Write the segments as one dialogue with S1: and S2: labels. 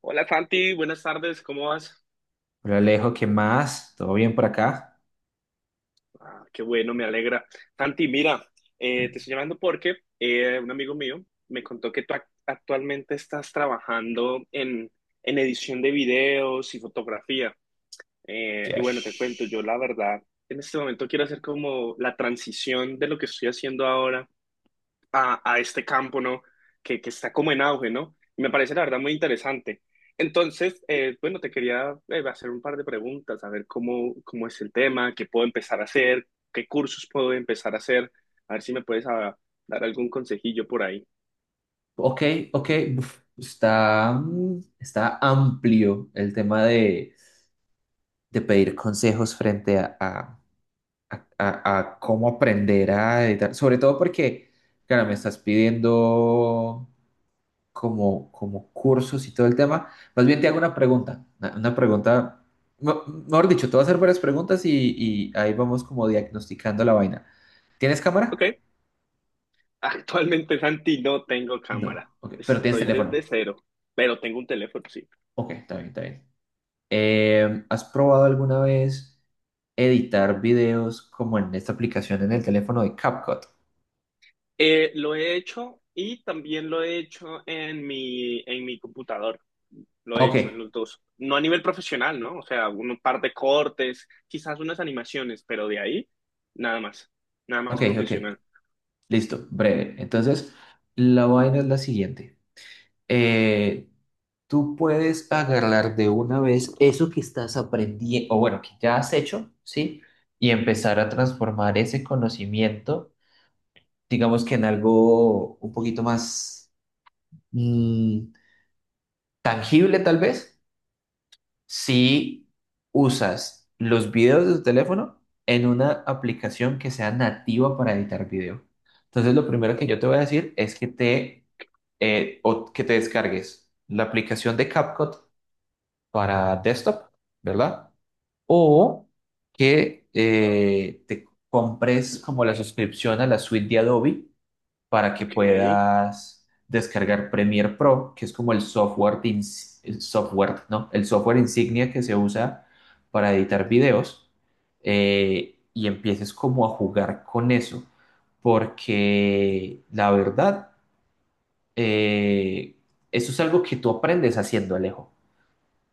S1: Hola Santi, buenas tardes, ¿cómo vas?
S2: Hola Alejo, ¿qué más? ¿Todo bien por acá?
S1: Ah, qué bueno, me alegra. Santi, mira, te estoy llamando porque un amigo mío me contó que tú actualmente estás trabajando en, edición de videos y fotografía. Y bueno, te cuento, yo
S2: Yes.
S1: la verdad, en este momento quiero hacer como la transición de lo que estoy haciendo ahora a, este campo, ¿no? Que está como en auge, ¿no? Me parece la verdad muy interesante. Entonces, bueno, te quería hacer un par de preguntas, a ver cómo es el tema, qué puedo empezar a hacer, qué cursos puedo empezar a hacer, a ver si me puedes dar algún consejillo por ahí.
S2: Ok, ok. Está, está amplio el tema de pedir consejos frente a, a cómo aprender a editar. Sobre todo porque, claro, me estás pidiendo como cursos y todo el tema. Más bien te hago una pregunta. Una pregunta, me- mejor dicho, te voy a hacer varias preguntas y ahí vamos como diagnosticando la vaina. ¿Tienes
S1: Ok.
S2: cámara?
S1: Actualmente, Santi, no tengo cámara,
S2: No, ok, pero tienes
S1: estoy desde
S2: teléfono.
S1: cero, pero tengo un teléfono, sí.
S2: Ok, está bien, está bien. ¿Has probado alguna vez editar videos como en esta aplicación en el teléfono de CapCut?
S1: Lo he hecho y también lo he hecho en mi computador. Lo he
S2: Ok,
S1: hecho en los dos. No a nivel profesional, ¿no? O sea, un par de cortes, quizás unas animaciones, pero de ahí nada más. Nada más
S2: ok, ok.
S1: profesional.
S2: Listo, breve. Entonces, la vaina es la siguiente. Eh, tú puedes agarrar de una vez eso que estás aprendiendo, o bueno, que ya has hecho, ¿sí? Y empezar a transformar ese conocimiento, digamos que en algo un poquito más mm, tangible, tal vez. Si usas los videos de tu teléfono en una aplicación que sea nativa para editar video. Entonces, lo primero que yo te voy a decir es que te, o que te descargues la aplicación de CapCut para desktop, ¿verdad? O que te compres como la suscripción a la suite de Adobe para que
S1: Ok.
S2: puedas descargar Premiere Pro, que es como el software, el software, ¿no? El software insignia que se usa para editar videos y empieces como a jugar con eso, porque la verdad, eh, eso es algo que tú aprendes haciendo, Alejo.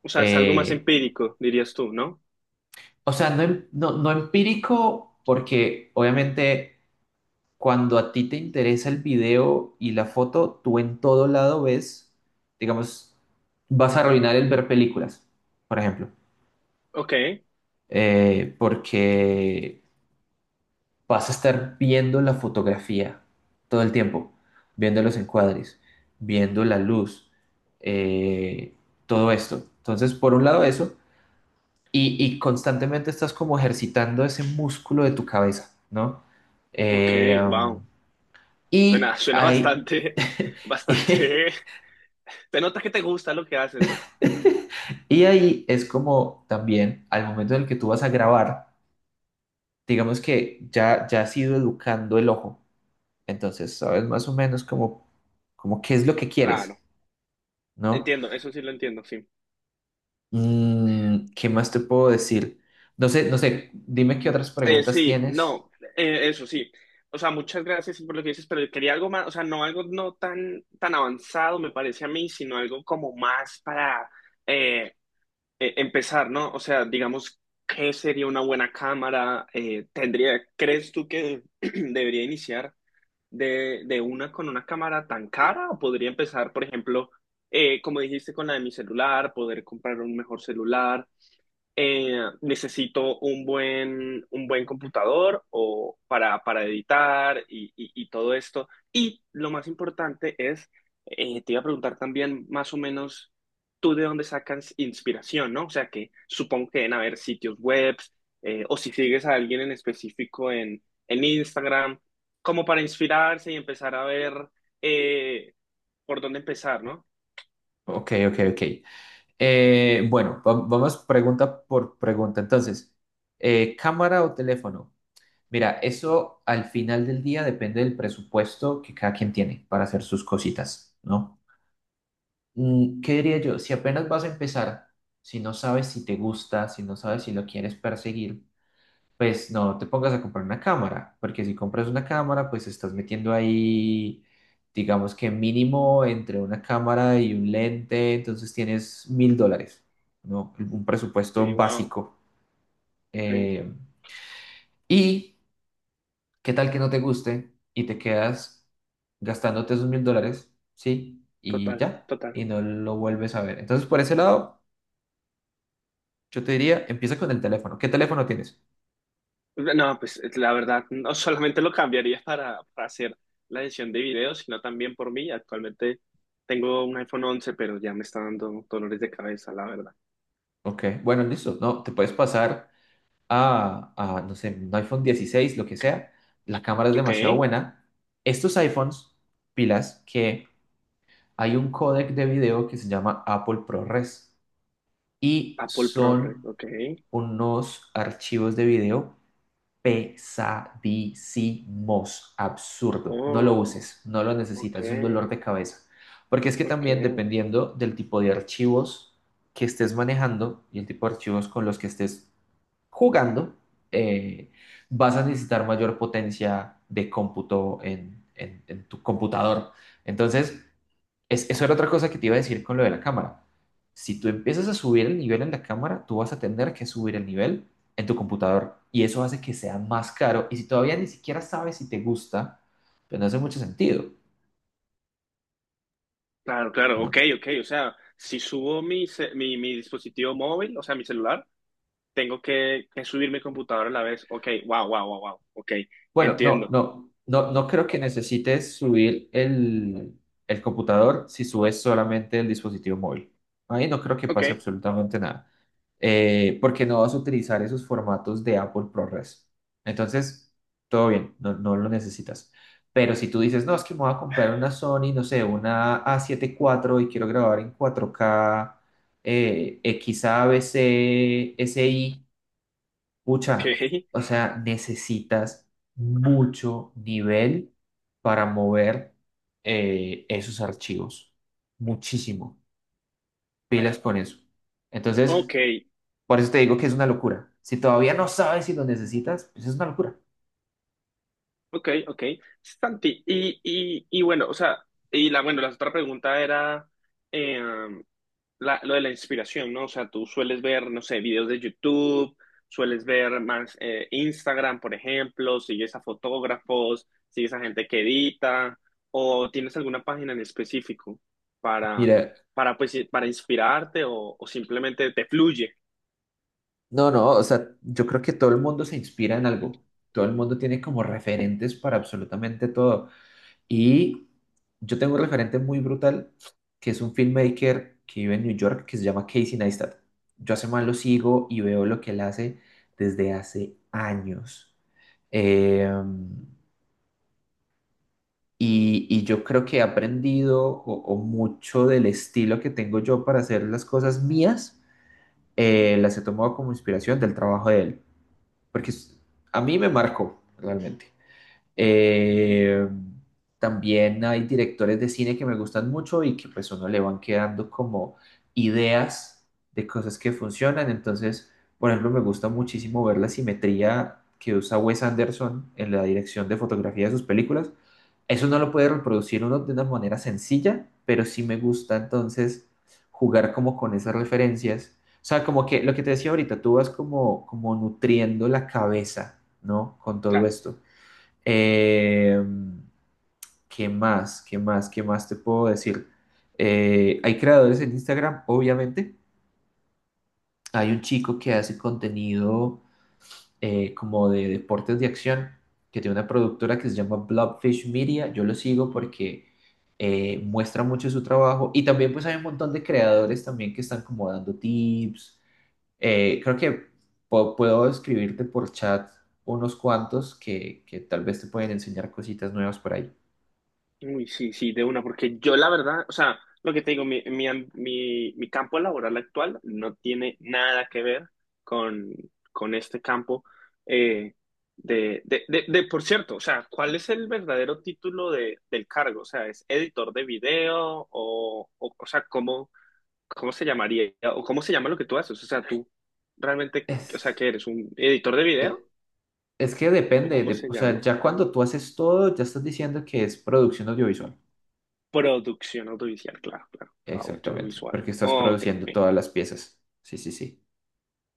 S1: O sea, es algo más
S2: Eh,
S1: empírico, dirías tú, ¿no?
S2: o sea, no, no, no empírico, porque obviamente cuando a ti te interesa el video y la foto, tú en todo lado ves, digamos, vas a arruinar el ver películas, por ejemplo,
S1: Ok,
S2: porque vas a estar viendo la fotografía todo el tiempo, viendo los encuadres, viendo la luz, eh, todo esto. Entonces, por un lado eso, y constantemente estás como ejercitando ese músculo de tu cabeza, ¿no?
S1: ok,
S2: Eh,
S1: wow.
S2: Y
S1: Suena
S2: ahí,
S1: bastante,
S2: y,
S1: bastante. Te notas que te gusta lo que haces, ¿no?
S2: y ahí es como también al momento en el que tú vas a grabar, digamos que ya, ya has ido educando el ojo, entonces sabes más o menos como qué es lo que quieres,
S1: Claro,
S2: ¿no?
S1: entiendo, eso sí lo entiendo, sí.
S2: ¿Qué más te puedo decir? No sé, no sé, dime qué otras preguntas
S1: Sí,
S2: tienes.
S1: no, eso sí. O sea, muchas gracias por lo que dices, pero quería algo más, o sea, no algo no tan avanzado, me parece a mí, sino algo como más para eh, empezar, ¿no? O sea, digamos, ¿qué sería una buena cámara? ¿Crees tú que debería iniciar de una con una cámara tan cara? ¿O podría empezar, por ejemplo, como dijiste, con la de mi celular, poder comprar un mejor celular? Necesito un buen computador o para editar y, y todo esto. Y lo más importante es, te iba a preguntar también más o menos tú de dónde sacas inspiración, ¿no? O sea, que supongo que deben haber sitios web o si sigues a alguien en específico en, Instagram, como para inspirarse y empezar a ver eh, por dónde empezar, ¿no?
S2: Ok, ok, ok. Bueno, vamos pregunta por pregunta. Entonces, ¿cámara o teléfono? Mira, eso al final del día depende del presupuesto que cada quien tiene para hacer sus cositas, ¿no? ¿Qué diría yo? Si apenas vas a empezar, si no sabes si te gusta, si no sabes si lo quieres perseguir, pues no te pongas a comprar una cámara, porque si compras una cámara, pues estás metiendo ahí, digamos que mínimo entre una cámara y un lente, entonces tienes $1000, ¿no? Un
S1: Que
S2: presupuesto
S1: wow,
S2: básico.
S1: ok,
S2: Eh, y ¿Qué tal que no te guste y te quedas gastándote esos $1000? Sí, y
S1: total,
S2: ya,
S1: total.
S2: y no lo vuelves a ver. Entonces, por ese lado, yo te diría, empieza con el teléfono. ¿Qué teléfono tienes?
S1: No, pues la verdad, no solamente lo cambiaría para hacer la edición de videos, sino también por mí. Actualmente tengo un iPhone 11, pero ya me está dando dolores de cabeza, la verdad.
S2: Ok, bueno, listo. No, te puedes pasar a, no sé, un iPhone 16, lo que sea. La cámara es
S1: Ok,
S2: demasiado buena. Estos iPhones, pilas, que hay un códec de video que se llama Apple ProRes y
S1: Apple ProRes,
S2: son
S1: ok.
S2: unos archivos de video pesadísimos, absurdo. No lo
S1: Oh,
S2: uses, no lo
S1: ok,
S2: necesitas, es un dolor de cabeza. Porque es que
S1: ok.
S2: también dependiendo del tipo de archivos que estés manejando y el tipo de archivos con los que estés jugando, eh, vas a necesitar mayor potencia de cómputo en, en tu computador. Entonces, es, eso era otra cosa que te iba a decir con lo de la cámara. Si tú empiezas a subir el nivel en la cámara, tú vas a tener que subir el nivel en tu computador y eso hace que sea más caro. Y si todavía ni siquiera sabes si te gusta, pues no hace mucho sentido.
S1: Claro, claro, ok,
S2: ¿No?
S1: ok. O sea, si subo mi dispositivo móvil, o sea, mi celular, tengo que subir mi computadora a la vez. Ok, wow, wow, wow, wow. Ok,
S2: Bueno,
S1: entiendo.
S2: no creo que necesites subir el computador si subes solamente el dispositivo móvil. Ahí no creo que
S1: Ok,
S2: pase absolutamente nada. Porque no vas a utilizar esos formatos de Apple ProRes. Entonces, todo bien, no, no lo necesitas. Pero si tú dices, no, es que me voy a comprar una Sony, no sé, una a siete cuatro y quiero grabar en 4K XAVC, SI.
S1: ok,
S2: Pucha, o sea, necesitas mucho nivel para mover esos archivos. Muchísimo. Pilas con eso. Entonces,
S1: ok.
S2: por eso te digo que es una locura. Si todavía no sabes si lo necesitas, pues es una locura.
S1: Ok, ok. Sí, Santi, y bueno, o sea, bueno, la otra pregunta era eh, lo de la inspiración, ¿no? O sea, tú sueles ver, no sé, videos de YouTube, sueles ver más Instagram, por ejemplo, sigues a fotógrafos, sigues a gente que edita, o tienes alguna página en específico para,
S2: Mira,
S1: pues, para inspirarte o simplemente te fluye.
S2: no, no, o sea, yo creo que todo el mundo se inspira en algo. Todo el mundo tiene como referentes para absolutamente todo. Y yo tengo un referente muy brutal, que es un filmmaker que vive en New York, que se llama Casey Neistat. Yo hace más lo sigo y veo lo que él hace desde hace años. Eh, y yo creo que he aprendido o mucho del estilo que tengo yo para hacer las cosas mías, las he tomado como inspiración del trabajo de él, porque es- a mí me marcó realmente. Eh, también hay directores de cine que me gustan mucho y que pues uno le van quedando como ideas de cosas que funcionan. Entonces, por ejemplo, me gusta muchísimo ver la simetría que usa Wes Anderson en la dirección de fotografía de sus películas. Eso no lo puede reproducir uno de una manera sencilla, pero sí me gusta entonces jugar como con esas referencias. O sea, como que lo que te decía ahorita, tú vas como nutriendo la cabeza, ¿no? Con todo
S1: Claro.
S2: esto. Eh, ¿Qué más? ¿Qué más? ¿Qué más te puedo decir? Hay creadores en Instagram, obviamente. Hay un chico que hace contenido como de deportes de acción, que tiene una productora que se llama Blobfish Media. Yo lo sigo porque muestra mucho su trabajo. Y también pues hay un montón de creadores también que están como dando tips. Creo que puedo escribirte por chat unos cuantos que tal vez te pueden enseñar cositas nuevas por ahí.
S1: Uy, sí, sí, de una, porque yo la verdad, o sea, lo que te digo, mi campo laboral actual no tiene nada que ver con, este campo eh, por cierto, o sea, ¿cuál es el verdadero título del cargo? O sea, ¿es editor de video o, o sea, cómo se llamaría o cómo se llama lo que tú haces? O sea, tú realmente, o sea, ¿qué
S2: Es-
S1: eres? ¿Un editor de video
S2: e- Es que
S1: o
S2: depende,
S1: cómo se
S2: o sea,
S1: llama?
S2: ya cuando tú haces todo, ya estás diciendo que es producción audiovisual.
S1: Producción audiovisual, claro, claro,
S2: Exactamente,
S1: audiovisual.
S2: porque estás
S1: Ok.
S2: produciendo todas las piezas. Sí, sí, sí.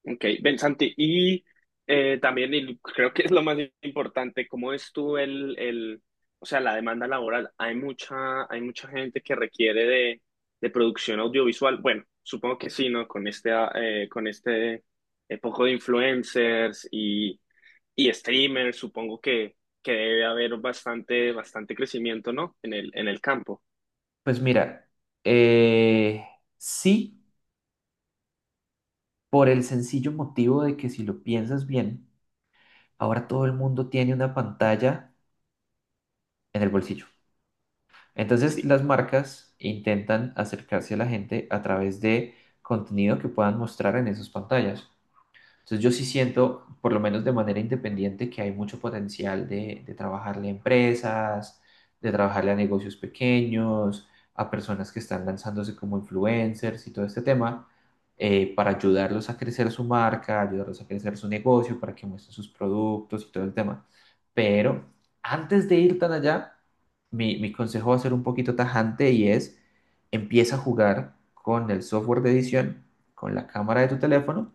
S1: Ok, ven Santi, y también y creo que es lo más importante, ¿cómo es tú o sea, la demanda laboral? Hay mucha gente que requiere de producción audiovisual. Bueno, supongo que sí, ¿no? Con este poco de influencers y, streamers, supongo que debe haber bastante, bastante crecimiento, ¿no? En el campo.
S2: Pues mira, eh, sí, por el sencillo motivo de que si lo piensas bien, ahora todo el mundo tiene una pantalla en el bolsillo. Entonces,
S1: Sí,
S2: las marcas intentan acercarse a la gente a través de contenido que puedan mostrar en esas pantallas. Entonces yo sí siento, por lo menos de manera independiente, que hay mucho potencial de trabajarle a empresas, de trabajarle a negocios pequeños, a personas que están lanzándose como influencers y todo este tema, para ayudarlos a crecer su marca, ayudarlos a crecer su negocio, para que muestren sus productos y todo el tema. Pero antes de ir tan allá, mi consejo va a ser un poquito tajante y es, empieza a jugar con el software de edición, con la cámara de tu teléfono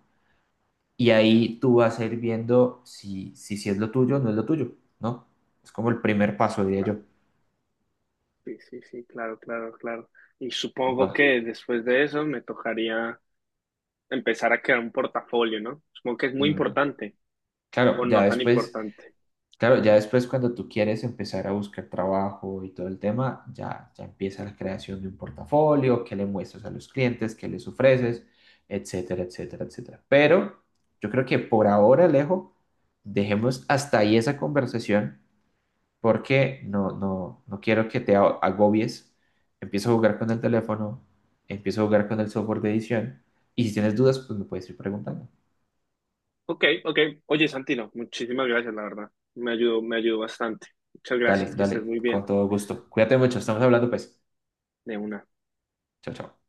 S2: y ahí tú vas a ir viendo si, si, si es lo tuyo o no es lo tuyo, ¿no? Es como el primer paso, diría yo.
S1: claro, sí, sí, sí, claro, claro, claro. Y
S2: Va.
S1: supongo que después de eso me tocaría empezar a crear un portafolio, ¿no? Supongo que es muy
S2: Mm,
S1: importante o
S2: Claro, ya
S1: no tan
S2: después,
S1: importante.
S2: claro, ya después cuando tú quieres empezar a buscar trabajo y todo el tema, ya, ya empieza la creación de un portafolio, qué le muestras a los clientes, qué les ofreces, etcétera, etcétera, etcétera. Pero yo creo que por ahora, Alejo, dejemos hasta ahí esa conversación porque no quiero que te agobies. Empiezo a jugar con el teléfono, empiezo a jugar con el software de edición y si tienes dudas, pues me puedes ir preguntando.
S1: Ok, ok. Oye, Santino, muchísimas gracias, la verdad. Me ayudó bastante. Muchas
S2: Dale,
S1: gracias, que estés
S2: dale,
S1: muy
S2: con
S1: bien
S2: todo gusto. Cuídate mucho, estamos hablando pues.
S1: de una.
S2: Chao, chao.